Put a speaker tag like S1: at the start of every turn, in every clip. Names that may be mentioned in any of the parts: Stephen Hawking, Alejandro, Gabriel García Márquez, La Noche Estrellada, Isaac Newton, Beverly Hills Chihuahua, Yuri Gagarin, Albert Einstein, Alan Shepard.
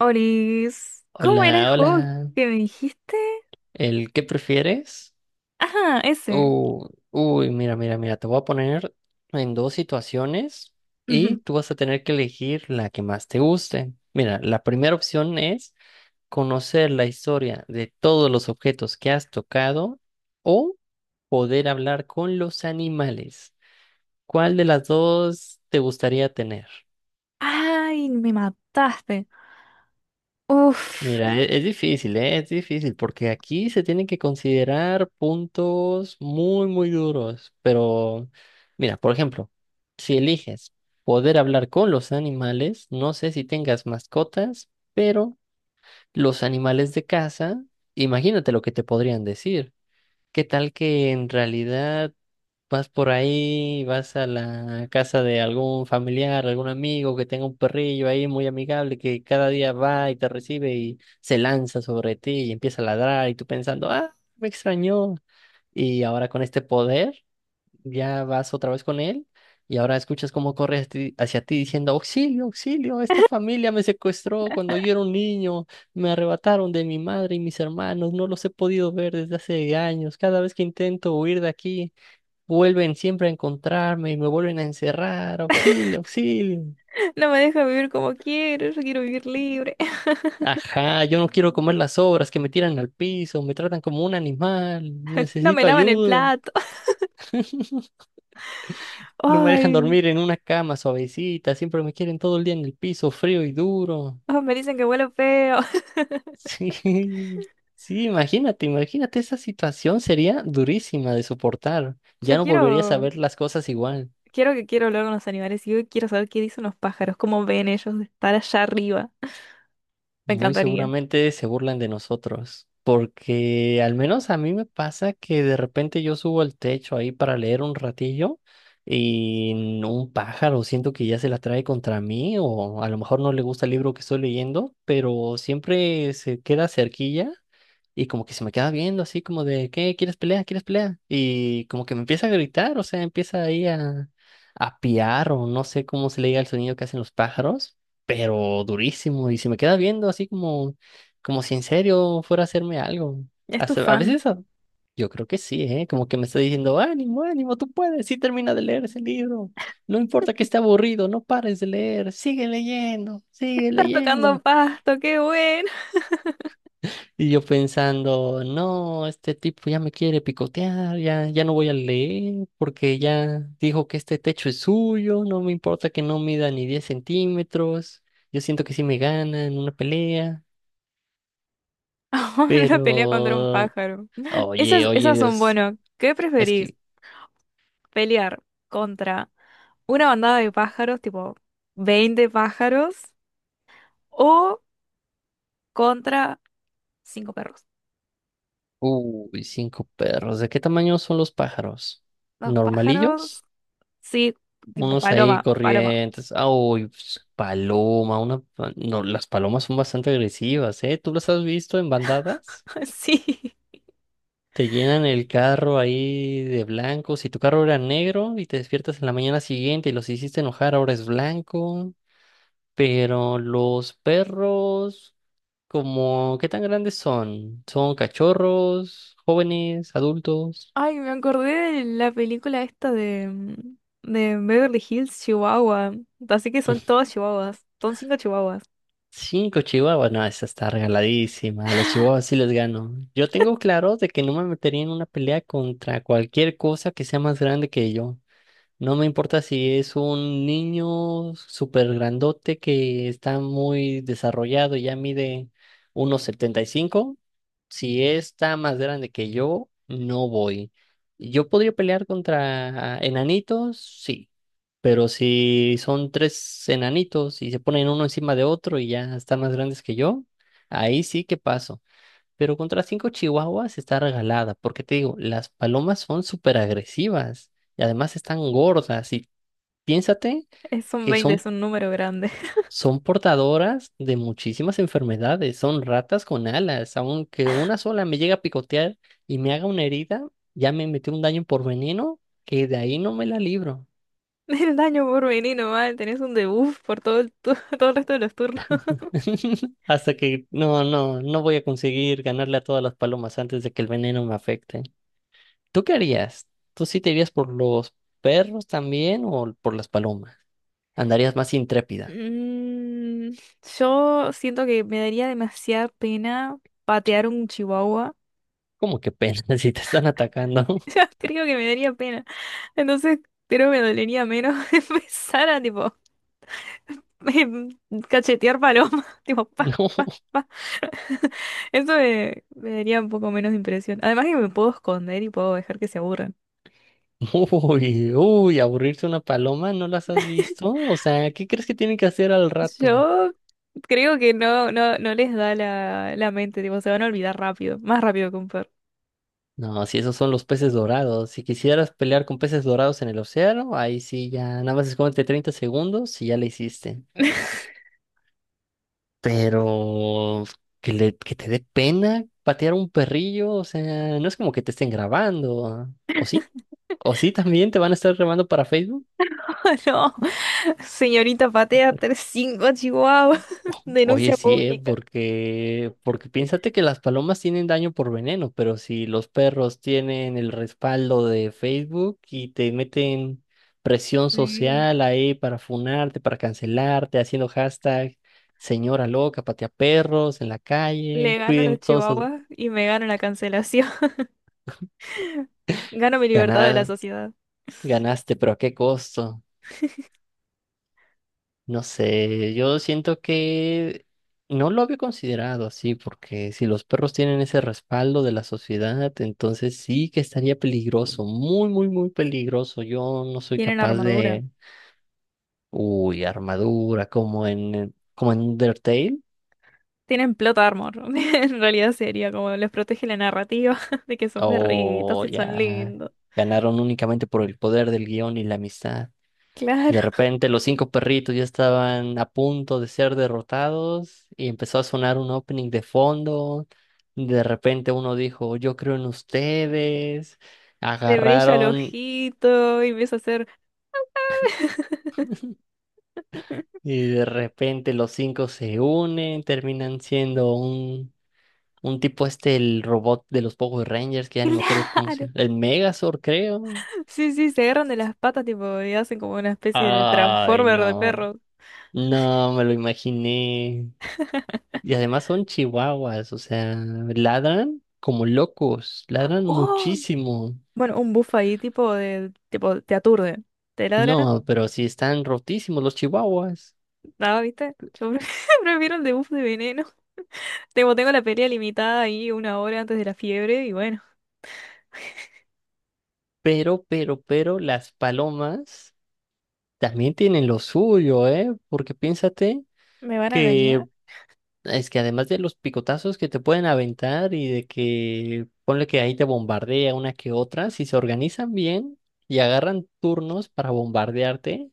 S1: Oris, ¿cómo era el
S2: Hola,
S1: juego
S2: hola.
S1: que me dijiste?
S2: ¿El qué prefieres?
S1: Ajá, ese.
S2: Uy, mira, mira, mira, te voy a poner en dos situaciones y
S1: Ujú.
S2: tú vas a tener que elegir la que más te guste. Mira, la primera opción es conocer la historia de todos los objetos que has tocado o poder hablar con los animales. ¿Cuál de las dos te gustaría tener?
S1: Ay, me mataste. Uf,
S2: Mira, es difícil, ¿eh? Es difícil, porque aquí se tienen que considerar puntos muy, muy duros. Pero, mira, por ejemplo, si eliges poder hablar con los animales, no sé si tengas mascotas, pero los animales de casa, imagínate lo que te podrían decir. ¿Qué tal que en realidad vas por ahí, vas a la casa de algún familiar, algún amigo que tenga un perrillo ahí muy amigable que cada día va y te recibe y se lanza sobre ti y empieza a ladrar y tú pensando, ah, me extrañó? Y ahora con este poder, ya vas otra vez con él y ahora escuchas cómo corre hacia ti diciendo, auxilio, auxilio, esta familia me secuestró cuando yo era un niño, me arrebataron de mi madre y mis hermanos, no los he podido ver desde hace años, cada vez que intento huir de aquí, vuelven siempre a encontrarme y me vuelven a encerrar. Auxilio, auxilio.
S1: no me deja vivir como quiero, yo quiero vivir libre.
S2: Ajá, yo no quiero comer las sobras que me tiran al piso, me tratan como un animal,
S1: No me
S2: necesito
S1: lavan el
S2: ayuda.
S1: plato.
S2: No me dejan
S1: Ay,
S2: dormir en una cama suavecita, siempre me quieren todo el día en el piso, frío y duro.
S1: oh, me dicen que huelo feo.
S2: Sí, sí, imagínate, imagínate, esa situación sería durísima de soportar. Ya
S1: Yo
S2: no volverías a
S1: quiero,
S2: ver las cosas igual.
S1: quiero que quiero hablar con los animales y yo quiero saber qué dicen los pájaros, cómo ven ellos de estar allá arriba. Me
S2: Muy
S1: encantaría.
S2: seguramente se burlan de nosotros, porque al menos a mí me pasa que de repente yo subo al techo ahí para leer un ratillo y un pájaro siento que ya se la trae contra mí, o a lo mejor no le gusta el libro que estoy leyendo, pero siempre se queda cerquilla y como que se me queda viendo así como de, ¿qué? ¿Quieres pelea? ¿Quieres pelea? Y como que me empieza a gritar, o sea, empieza ahí a piar, o no sé cómo se le diga el sonido que hacen los pájaros, pero durísimo, y se me queda viendo así como, como si en serio fuera a hacerme algo.
S1: Es tu
S2: A
S1: fan.
S2: veces yo creo que sí, ¿eh? Como que me está diciendo, ánimo, ánimo, tú puedes, sí, termina de leer ese libro, no importa que esté aburrido, no pares de leer, sigue leyendo, sigue
S1: Estás tocando
S2: leyendo.
S1: pasto, qué bueno.
S2: Y yo pensando, no, este tipo ya me quiere picotear, ya, ya no voy a leer, porque ya dijo que este techo es suyo. No me importa que no mida ni 10 centímetros. Yo siento que sí me gana en una pelea.
S1: Una pelea contra un
S2: Pero,
S1: pájaro.
S2: oye,
S1: Esas
S2: oye,
S1: son,
S2: es,
S1: bueno, ¿qué
S2: es
S1: preferís?
S2: que,
S1: ¿Pelear contra una bandada de pájaros, tipo 20 pájaros, o contra cinco perros?
S2: uy, cinco perros. ¿De qué tamaño son los pájaros?
S1: Los pájaros,
S2: ¿Normalillos?
S1: sí, tipo
S2: Unos ahí
S1: paloma, paloma.
S2: corrientes. Ah, uy, pues, paloma, una, no, las palomas son bastante agresivas, ¿eh? ¿Tú las has visto en bandadas?
S1: Sí.
S2: Te llenan el carro ahí de blanco. Si tu carro era negro y te despiertas en la mañana siguiente y los hiciste enojar, ahora es blanco. Pero los perros. Como, ¿qué tan grandes son? ¿Son cachorros, jóvenes, adultos?
S1: Ay, me acordé de la película esta de Beverly Hills, Chihuahua. Así que son todos chihuahuas. Son cinco chihuahuas.
S2: Cinco chihuahuas, no, esa está regaladísima. A los chihuahuas sí les gano. Yo tengo claro de que no me metería en una pelea contra cualquier cosa que sea más grande que yo. No me importa si es un niño súper grandote que está muy desarrollado y ya mide 1,75. Si está más grande que yo, no voy. Yo podría pelear contra enanitos, sí. Pero si son tres enanitos y se ponen uno encima de otro y ya están más grandes que yo, ahí sí que paso. Pero contra cinco chihuahuas está regalada, porque te digo, las palomas son súper agresivas y además están gordas. Y piénsate
S1: Son
S2: que
S1: veinte
S2: son,
S1: es un número grande.
S2: son portadoras de muchísimas enfermedades, son ratas con alas. Aunque una sola me llegue a picotear y me haga una herida, ya me metió un daño por veneno que de ahí no me la libro.
S1: El daño por venir nomás, tenés un debuff por todo el resto de los turnos.
S2: Hasta que no, no, no voy a conseguir ganarle a todas las palomas antes de que el veneno me afecte. ¿Tú qué harías? ¿Tú sí te irías por los perros también o por las palomas? ¿Andarías más intrépida?
S1: Mm, yo siento que me daría demasiada pena patear un chihuahua.
S2: ¿Cómo que pena, si te están atacando?
S1: Yo creo que me daría pena. Entonces creo que me dolería menos empezar a tipo em, cachetear paloma. Tipo, pa, pa, pa. Eso me, me daría un poco menos de impresión. Además que me puedo esconder y puedo dejar que se aburran.
S2: No, uy, uy, aburrirse una paloma, ¿no las has visto? O sea, ¿qué crees que tienen que hacer al rato?
S1: Yo creo que no, no, no les da la mente, tipo, se van a olvidar rápido, más rápido que un perro.
S2: No, si esos son los peces dorados. Si quisieras pelear con peces dorados en el océano, ahí sí ya, nada más escóndete 30 segundos y ya le hiciste. Pero que le, que te dé pena patear un perrillo, o sea, no es como que te estén grabando, ¿ah? ¿O sí? ¿O sí también te van a estar grabando para Facebook?
S1: No, señorita patea
S2: Por-
S1: tres cinco chihuahuas
S2: Oye,
S1: denuncia
S2: sí, ¿eh?
S1: pública.
S2: Porque, porque piénsate que las palomas tienen daño por veneno, pero si los perros tienen el respaldo de Facebook y te meten presión
S1: Sí.
S2: social ahí para funarte, para cancelarte, haciendo hashtag, señora loca, patea perros en la
S1: Le
S2: calle,
S1: gano a los
S2: cuiden todos sus
S1: chihuahuas y me gano la cancelación. Gano mi libertad de la
S2: ganadas.
S1: sociedad.
S2: Ganaste, pero ¿a qué costo? No sé, yo siento que no lo había considerado así, porque si los perros tienen ese respaldo de la sociedad, entonces sí que estaría peligroso, muy, muy, muy peligroso. Yo no soy
S1: Tienen
S2: capaz
S1: armadura.
S2: de, uy, armadura, como en, como en Undertale,
S1: Tienen plot armor. En realidad sería como les protege la narrativa de que son perritos
S2: o
S1: y son
S2: ya
S1: lindos.
S2: ganaron únicamente por el poder del guión y la amistad.
S1: Claro,
S2: De repente los cinco perritos ya estaban a punto de ser derrotados y empezó a sonar un opening de fondo. De repente uno dijo, yo creo en ustedes.
S1: le brilla el
S2: Agarraron
S1: ojito y empieza a hacer...
S2: y de repente los cinco se unen, terminan siendo un, tipo este, el robot de los Power Rangers, que ya ni me acuerdo cómo se
S1: Claro.
S2: llama. El Megazord, creo.
S1: Sí, sí, se agarran de las patas, tipo, y hacen como una especie de
S2: Ay,
S1: transformer de
S2: no.
S1: perros.
S2: No, me lo imaginé. Y además son chihuahuas, o sea, ladran como locos, ladran
S1: ¡Oh!
S2: muchísimo.
S1: Bueno, un buff ahí, tipo, de, tipo, te aturde. Te ladran,
S2: No, pero sí están rotísimos los chihuahuas.
S1: nada, ¿viste? Prefiero el de buff de veneno. Tengo la pelea limitada ahí una hora antes de la fiebre y bueno,
S2: Pero las palomas también tienen lo suyo, ¿eh? Porque piénsate
S1: me van a
S2: que
S1: arañar.
S2: es que además de los picotazos que te pueden aventar y de que ponle que ahí te bombardea una que otra, si se organizan bien y agarran turnos para bombardearte,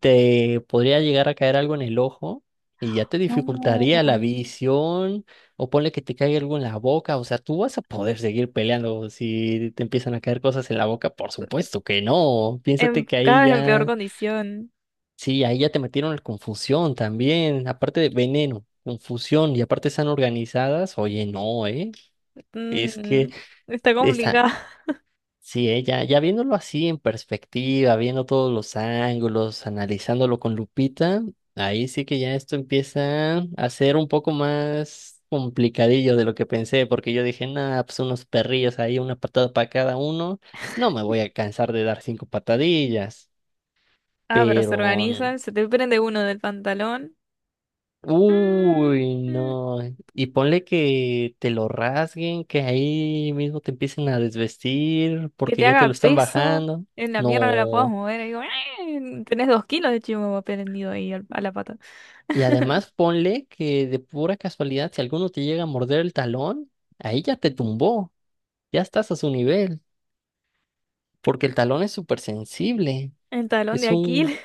S2: te podría llegar a caer algo en el ojo y ya te
S1: No.
S2: dificultaría la visión, o ponle que te caiga algo en la boca. O sea, ¿tú vas a poder seguir peleando si te empiezan a caer cosas en la boca? Por supuesto que no.
S1: En,
S2: Piénsate que ahí
S1: cada vez en peor
S2: ya
S1: condición.
S2: sí, ahí ya te metieron en confusión también, aparte de veneno, confusión, y aparte están organizadas, oye, no, ¿eh? Es que
S1: Mm, está
S2: está,
S1: complicada.
S2: sí, ¿eh? Ya, ya viéndolo así en perspectiva, viendo todos los ángulos, analizándolo con lupita, ahí sí que ya esto empieza a ser un poco más complicadillo de lo que pensé, porque yo dije, nada, pues unos perrillos ahí, una patada para cada uno, no me voy a cansar de dar cinco patadillas,
S1: Ah, pero se
S2: pero...
S1: organizan, se te prende uno del pantalón. Mm,
S2: Uy,
S1: mm.
S2: no. Y ponle que te lo rasguen, que ahí mismo te empiecen a desvestir
S1: Que
S2: porque
S1: te
S2: ya te
S1: haga
S2: lo están
S1: peso,
S2: bajando.
S1: en la pierna no la puedas
S2: No.
S1: mover. Y digo, "Ah, tenés 2 kilos de chihuahua prendido ahí a la pata."
S2: Y además ponle que de pura casualidad, si alguno te llega a morder el talón, ahí ya te tumbó. Ya estás a su nivel, porque el talón es súper sensible.
S1: El talón de
S2: Es un
S1: Aquiles.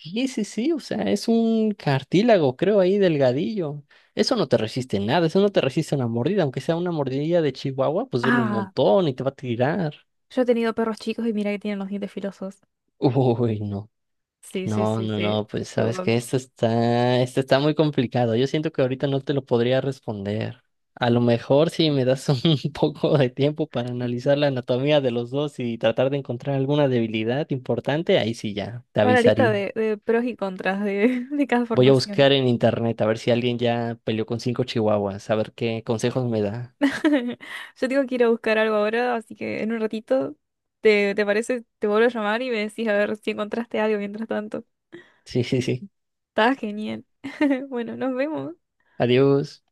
S2: Sí, sí, sí, o sea, es un cartílago, creo, ahí delgadillo. Eso no te resiste nada, eso no te resiste una mordida, aunque sea una mordida de chihuahua, pues duele un
S1: Ah,
S2: montón y te va a tirar.
S1: yo he tenido perros chicos y mira que tienen los dientes filosos.
S2: Uy, no,
S1: Sí, sí,
S2: no,
S1: sí,
S2: no,
S1: sí.
S2: no, pues sabes
S1: Tipo,
S2: que esto está muy complicado. Yo siento que ahorita no te lo podría responder. A lo mejor si me das un poco de tiempo para analizar la anatomía de los dos y tratar de encontrar alguna debilidad importante, ahí sí ya, te
S1: ahora lista
S2: avisaría.
S1: de pros y contras de, de cada
S2: Voy a
S1: formación.
S2: buscar en internet a ver si alguien ya peleó con cinco chihuahuas, a ver qué consejos me da.
S1: Yo tengo que ir a buscar algo ahora, así que en un ratito, ¿te parece? Te vuelvo a llamar y me decís a ver si encontraste algo mientras tanto.
S2: Sí, sí, sí.
S1: Está genial. Bueno, nos vemos.
S2: Adiós.